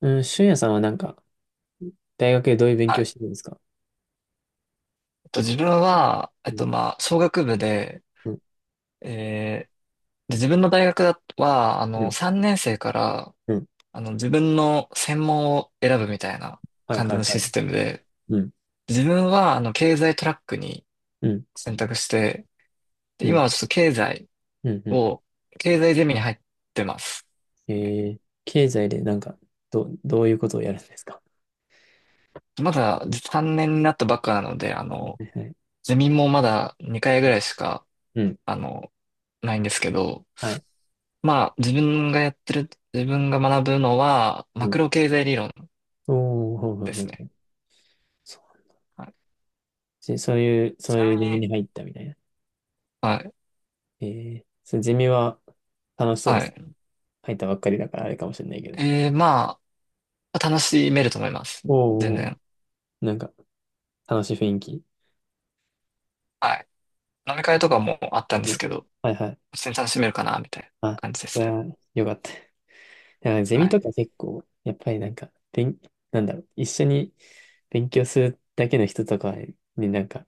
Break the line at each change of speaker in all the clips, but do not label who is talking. うん、俊也さんはなんか、大学でどういう勉
は
強
い。
してるんですか？
自分は、
うん、
まあ、商学部で、
うん、
えーで、自分の大学だは、
うん、
3年生から、
うん。
自分の専門を選ぶみたいな
はい
感
は
じの
いはい
シ
は
ステム
い。
で、
うん、
自分は、経済トラックに
うん、
選択して、で
う
今
ん、
はちょっと
うん、う
を、経済ゼミに入ってます。
ん。
ね
経済でなんか、どういうことをやるんですか？
まだ3年になったばっかなので、
はいはい。
ゼミもまだ2回ぐらいしか
うん、
あの、ないんですけど、
はい。
まあ、自分がやってる、自分が学ぶのは、マ
う
ク
ん。
ロ経済理論
おー、ほうほう
で
ほう
す
ほ
ね。
う。そう。
はい。
じそういう、そ
ち
うい
な
う
み
ゼミ
に、
に入ったみたいな。
はい、
そのゼミは楽しそうで
は
す。
い。
入ったばっかりだからあれかもしれないけど。
まあ、楽しめると思います。全
おー、
然。
なんか、楽しい雰囲気。
はい。飲み会とかもあったんで
う
す
ん。
けど、
はいはい。
普通に楽しめるかな、みたいな
あ、
感じで
そ
す
れ
ね。
は良かった。だからゼ
は
ミ
い。
とか結構、やっぱりなんか、なんだろう、一緒に勉強するだけの人とかになんか、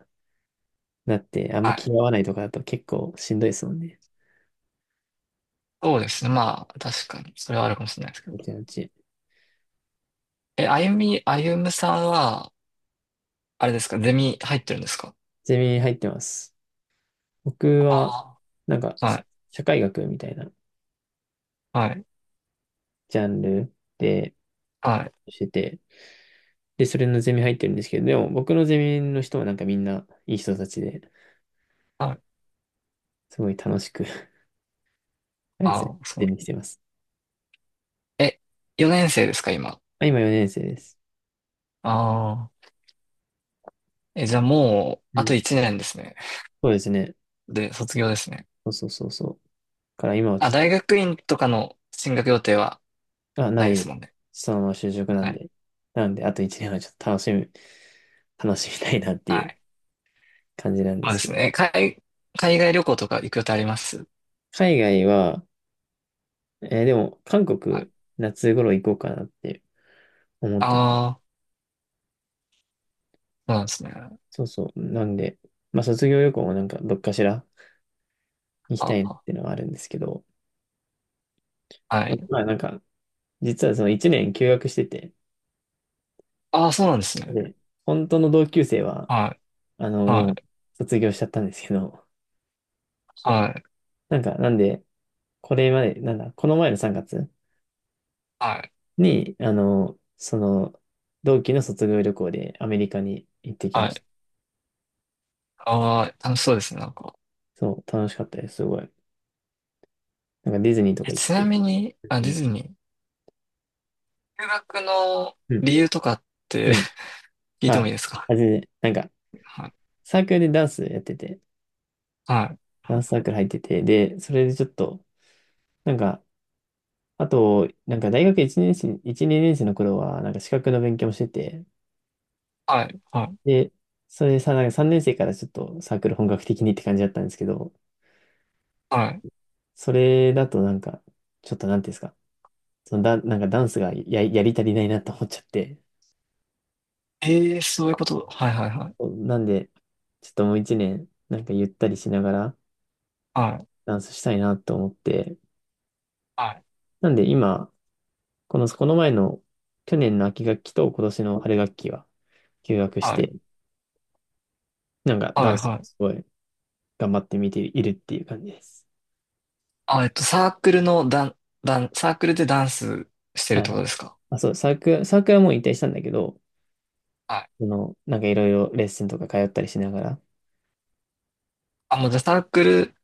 なって、あんま
は
気
い。
が合わないとかだと結構しんどいですもんね。
そうですね。まあ、確かに、それはあるかもしれないですけど。
うちのうち。
え、あゆみ、あゆむさんは、あれですか、ゼミ入ってるんですか？
ゼミ入ってます。僕は、
あ
なんか、
あー。はい。
社会学みたいな
はい。
ジャンルで
はい。
してて、で、それのゼミ入ってるんですけど、でも僕のゼミの人はなんかみんないい人たちで、
はい。
すごい楽しく あれです
あ
ね、
あ、そ
ゼ
う。
ミしてます。
え、4年生ですか、今。
あ今4年生です。
ああ。え、じゃあもう、
う
あ
ん。
と1年ですね。
そうですね。
で、卒業ですね。
そうそうそうそう。から今はち
あ、
ょっ
大
と、
学院とかの進学予定は
あ、
な
な
いです
い。
もんね。
そのまま就職な
は
ん
い。
で。なんで、あと1年はちょっと楽しみたいなって
は
いう
い。
感じなんで
そうで
すけ
す
ど。
ね。海外旅行とか行く予定あります？
海外は、でも、韓
は
国、
い。
夏頃行こうかなって思ってて。
ああ、そうなんですね。
そうそう。なんで、まあ、卒業旅行もなんか、どっかしら行きたいなっ
あ、
ていうのはあるんですけど、
は
でも
い。
まあ、なんか、実はその1年休学してて、
ああ、そうなんですね。
で、本当の同級生は、
はい。
あの、
は
もう、
い。
卒業しちゃったんですけど、
はい。
なんか、なんで、これまで、なんだ、この前の3月
はい。
に、あの、その、同期の卒業旅行でアメリカに行ってき
は
まし
い。
た。
ああ、楽しそうですね、なんか。
そう、楽しかったです、すごい。なんかディズニーと
え、
か行っ
ちな
て。
みに、あ、
う
ディ
ん、
ズニー。留学の
うん、
理由とかって
うん。
聞いて
あ、
もいいですか？
あ、全然、なんか、
はい。
サークルでダンスやってて、
は
ダン
い。
スサークル入ってて、で、それでちょっと、なんか、あと、なんか大学1年生、1、2年生の頃は、なんか資格の勉強もしてて、
はい、はい、
で、それでさ、なんか3年生からちょっとサークル本格的にって感じだったんですけど、
はい。
それだとなんか、ちょっとなんていうんですか、そのだ、なんかダンスがやり足りないなと思っちゃって。
ええ、そういうこと。はい、はい、はい。
なんで、ちょっともう一年、なんかゆったりしながら
は
ダンスしたいなと思って。
い、
なんで今、この前の去年の秋学期と今年の春学期は休学し
はい、はい、
て、なんか
は
ダ
い、
ンス
は
す
い。
ごい頑張って見ているっていう感じです。
あ、サークルでダンスしてるっ
はい
てこ
は
と
い。
ですか？
あ、そう、サークルはもう引退したんだけど、
はい。
その、なんかいろいろレッスンとか通ったりしながら。
あ、もうじゃあサークル、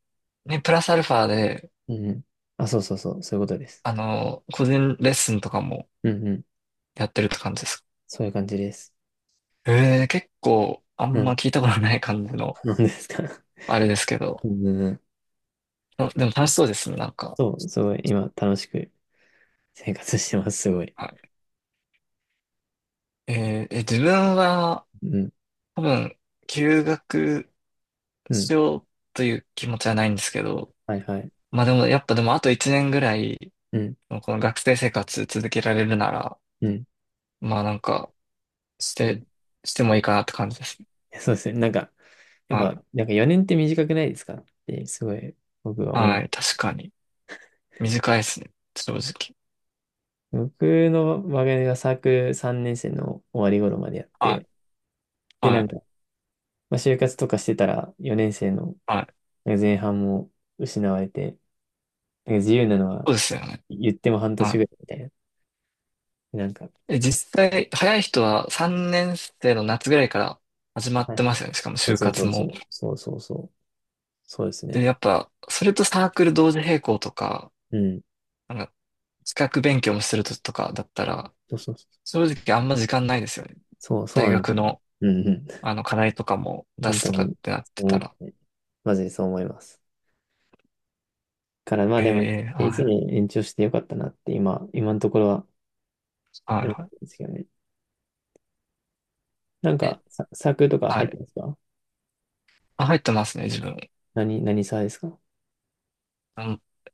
ね、プラスアルファで、
うんうん。あ、そうそうそう、そういうことです。
個人レッスンとかも
うんうん。
やってるって感じですか？
そういう感じです。
ええ、結構、あ
う
んま
ん。
聞いたことない感じの、
なんですか？
あれですけど。
うん。
あでも楽しそうですね、なんか。
そう、すごい、今、楽しく生活してます、すごい。
はい。えーえ、自分は、
うん、
多分、休学
うん。
しようという気持ちはないんですけど、
はいはい。
まあでも、やっぱでもあと1年ぐらい、
うん、
この学生生活続けられるなら、
うん、
まあなんか、し
うん。
て、
い
してもいいかなって感じですね。
やそうですね。なんか、やっ
はい。
ぱ、なんか4年って短くないですかって、すごい、僕は思っ
は
て。
い。確かに。短いですね。正直。
僕の場合がサークル3年生の終わり頃までやっ
は
て、
い。
で、
は
なんか、
い。
まあ、就活とかしてたら、4年生の
はい。
なんか前半も失われて、なんか自由なのは
そうですよね。
言っても半年
は
ぐらいみたいな。なんか、
い。え、実際、早い人は3年生の夏ぐらいから始まっ
はい
て
は
ま
い
すよね。しかも
そう
就
そうそ
活
うそ
も。
う、そうそうそう、そうです
で、
ね。
やっぱ、それとサークル同時並行とか、
うん
なんか、資格勉強もするととかだったら、
そうそうそう。
正直あんま時間ないですよね。
そう、そう
大
なんです
学
ね。
の
うんうん。
課題とかも出
本
す
当
とかっ
に、
てなっ
そ
て
う思
た
っ
ら。
て、マジでそう思います。から、まあ
へ
でも、
え、は
一年
い、
延長してよかったなって、今のところは
はい、
思ってる
は
んですけどね。なん
い。え、
か、サークルとか
は
入って
い。
ますか？
あ、入ってますね、自分。
何サーですか？
あ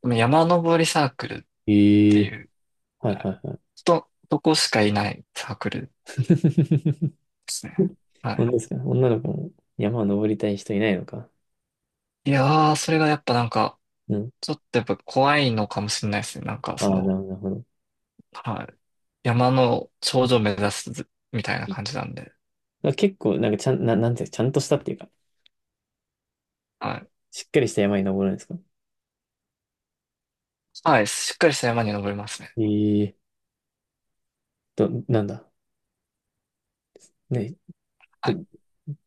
山登りサークルっ
え
てい
え
う、
は
い
い
や
はいはい。
とこしかいないサークルで すね。は
本
い。
当ですか？女の子も山を登りたい人いないのか。
いやー、それがやっぱなんか、
うん。
ちょっとやっぱ怖いのかもしれないですね。なんか
あ
そ
あ、
の、
なるほど。なるほど。
はい。山の頂上目指すみたいな感じなんで。
結構、なんかちゃん、な、なんていうか、ちゃんとしたっていうか、
はい。
しっかりした山に登るんですか？
はい。しっかりした山に登りますね。
ええなんだ。ね、
は
ちょ
い。
っと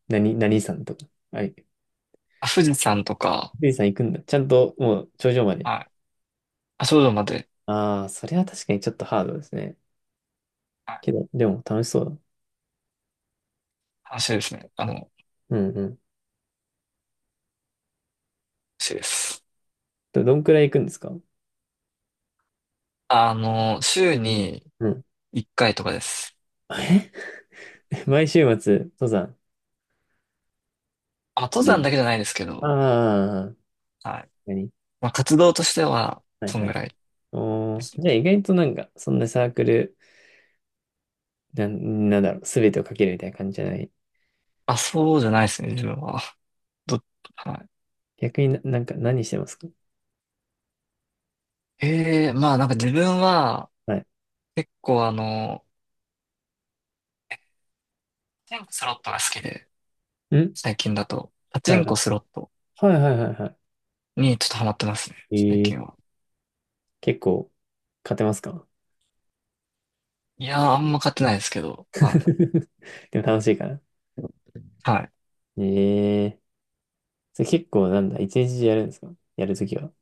何さんとか。はい。
あ、富士山とか、
リさん行くんだ。ちゃんともう頂上まで。
はい。あ、頂上まで。
ああ、それは確かにちょっとハードですね。けど、でも楽しそうだ。
話ですね。
うんうん。
話です。
どんくらい行くんですか？
週に
うん。
1回とかです。
毎週末、登山。
あ、登山だけじゃないですけど、
ああ、
はい。
何
まあ、活動としては、
はい
そん
は
ぐ
い。
らい
お
で
ー、
すね。
じゃあ意外となんか、そんなサークル、なんだろう、すべてをかけるみたいな感じじゃない。
あ、そうじゃないですね、自分は。ど、は
逆になんか何してますか？
い。ええ、まあなんか自分は、
は
結構パチンコスロットが好きで、
い。ん
最近だと、パチ
はい
ン
は
コ
い。
スロット
はいはいはいは
にちょっとハマってますね、
い。
最
えー、
近は。
結構、勝てますか？
いやー、あんま勝ってないですけど、はい。
でも楽しいから。
はい。
ええそれ結構なんだ、一日中やるんですか？やるときは。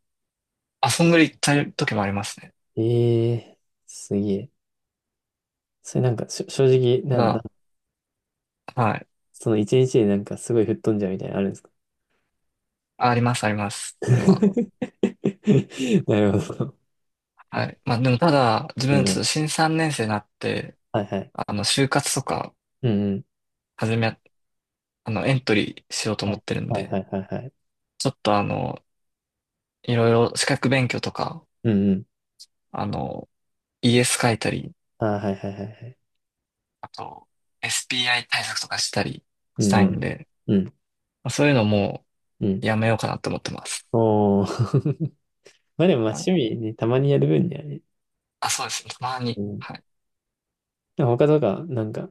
遊んぐり行った時もありますね。
ええすげえ。それなんか、正直、
た
なん、なん、
だ、はい。
その一日でなんかすごい吹っ飛んじゃうみたいなのあるんですか？
あります、あります。それは。
なるほど。
はい。まあでもただ、自
う
分、ちょっ
ん。
と新3年生になって、
はいはい。
就活とか、
うんうん。
始め、あの、エントリーしようと思
は
っ
い
てるん
はいは
で、
いはいはい。
ちょっといろいろ資格勉強とか、
うんうん。
あの、ES 書いたり、
あーはいはいはいはい。
あと、SPI 対策とかしたり
う
し
ん
た
う
いん
ん。
で、
うん。
まあ、そういうのも
うん。
うやめようかなと思ってます。
おー。まあでもまあ
はい。
趣味ね、たまにやる分にはね。
あ、そうですね。たま
う
に。
ん。
はい。
でも他とか、なんか、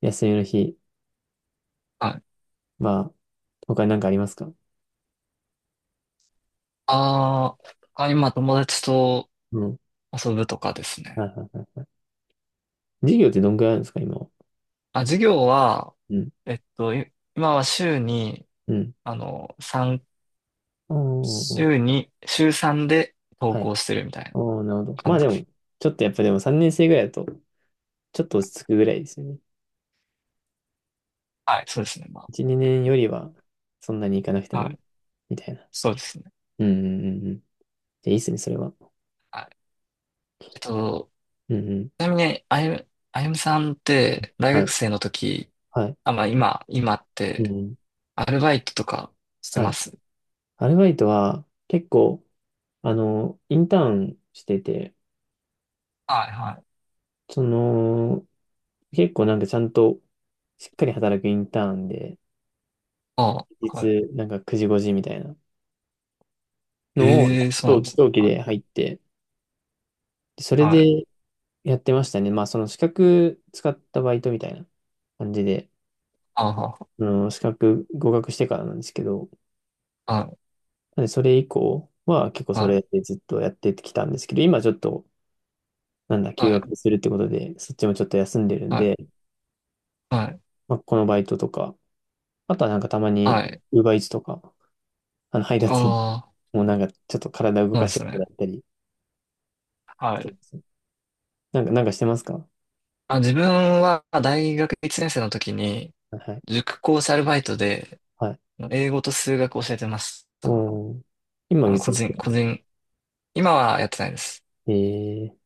休みの日、
はい。
まあ、他に何かありますか？
あー、他にまあ友達と
うん。
遊ぶとかですね。
はいはいはい。授業ってどんくらいあるんですか、今は。
あ、授業は、
うん。
今は週に、
うん。
あの、三
おー、
週3で投
はい。
稿してるみたいな
おー、なるほど。ま
感
あ
じ
で
で
も、
す。
ちょっとやっぱでも3年生ぐらいだと、ちょっと落ち着くぐらいですよね。
はい、そうですね。ま
1、2年よりは、そんなにいかなくて
あ、は
も、
い、
みたいな。
そうですね。
うんうんうんうん。で、いいっすね、それは。
はい。えっと、
うんうん。
ちなみに、あゆむさんって、大
は
学
い。
生の時、
はい。
あ、まあ今っ
うん
て、
うん。
アルバイトとかして
は
ま
い。
す？
アルバイトは、結構、あの、インターンしてて、
はい、はい。
その、結構なんかちゃんと、しっかり働くインターンで、
ああ、はい。
日、なんか9時5時みたいなのを、
ええそうな
長
んですね。
長期
はい、
で入って、でそれ
はい。
でやってましたね。まあ、その資格使ったバイトみたいな感じで、
あ
あの資格合格してからなんですけど、
あ、はい、
なんでそれ以降は結構
は
それ
い、
でずっとやってきたんですけど、今ちょっと、なんだ、休
はい、
学するってことで、そっちもちょっと休んでるん
はい、
で、
はい。
まあ、このバイトとか、あとはなんかたま
は
に、
い。
ウーバーイーツとか、あの配
あ
達員
あ、そ
もうなんかちょっと体動
うなん
か
で
して
す
くれ
ね。
たりし
は
てま
い。
す。なんかしてますか？
あ、自分は大学1年生の時に、
はい。
塾講師アルバイトで、
はい
英語と数学を教えてまし
う
た。
ん今別に、
個人、今はやってないです。
え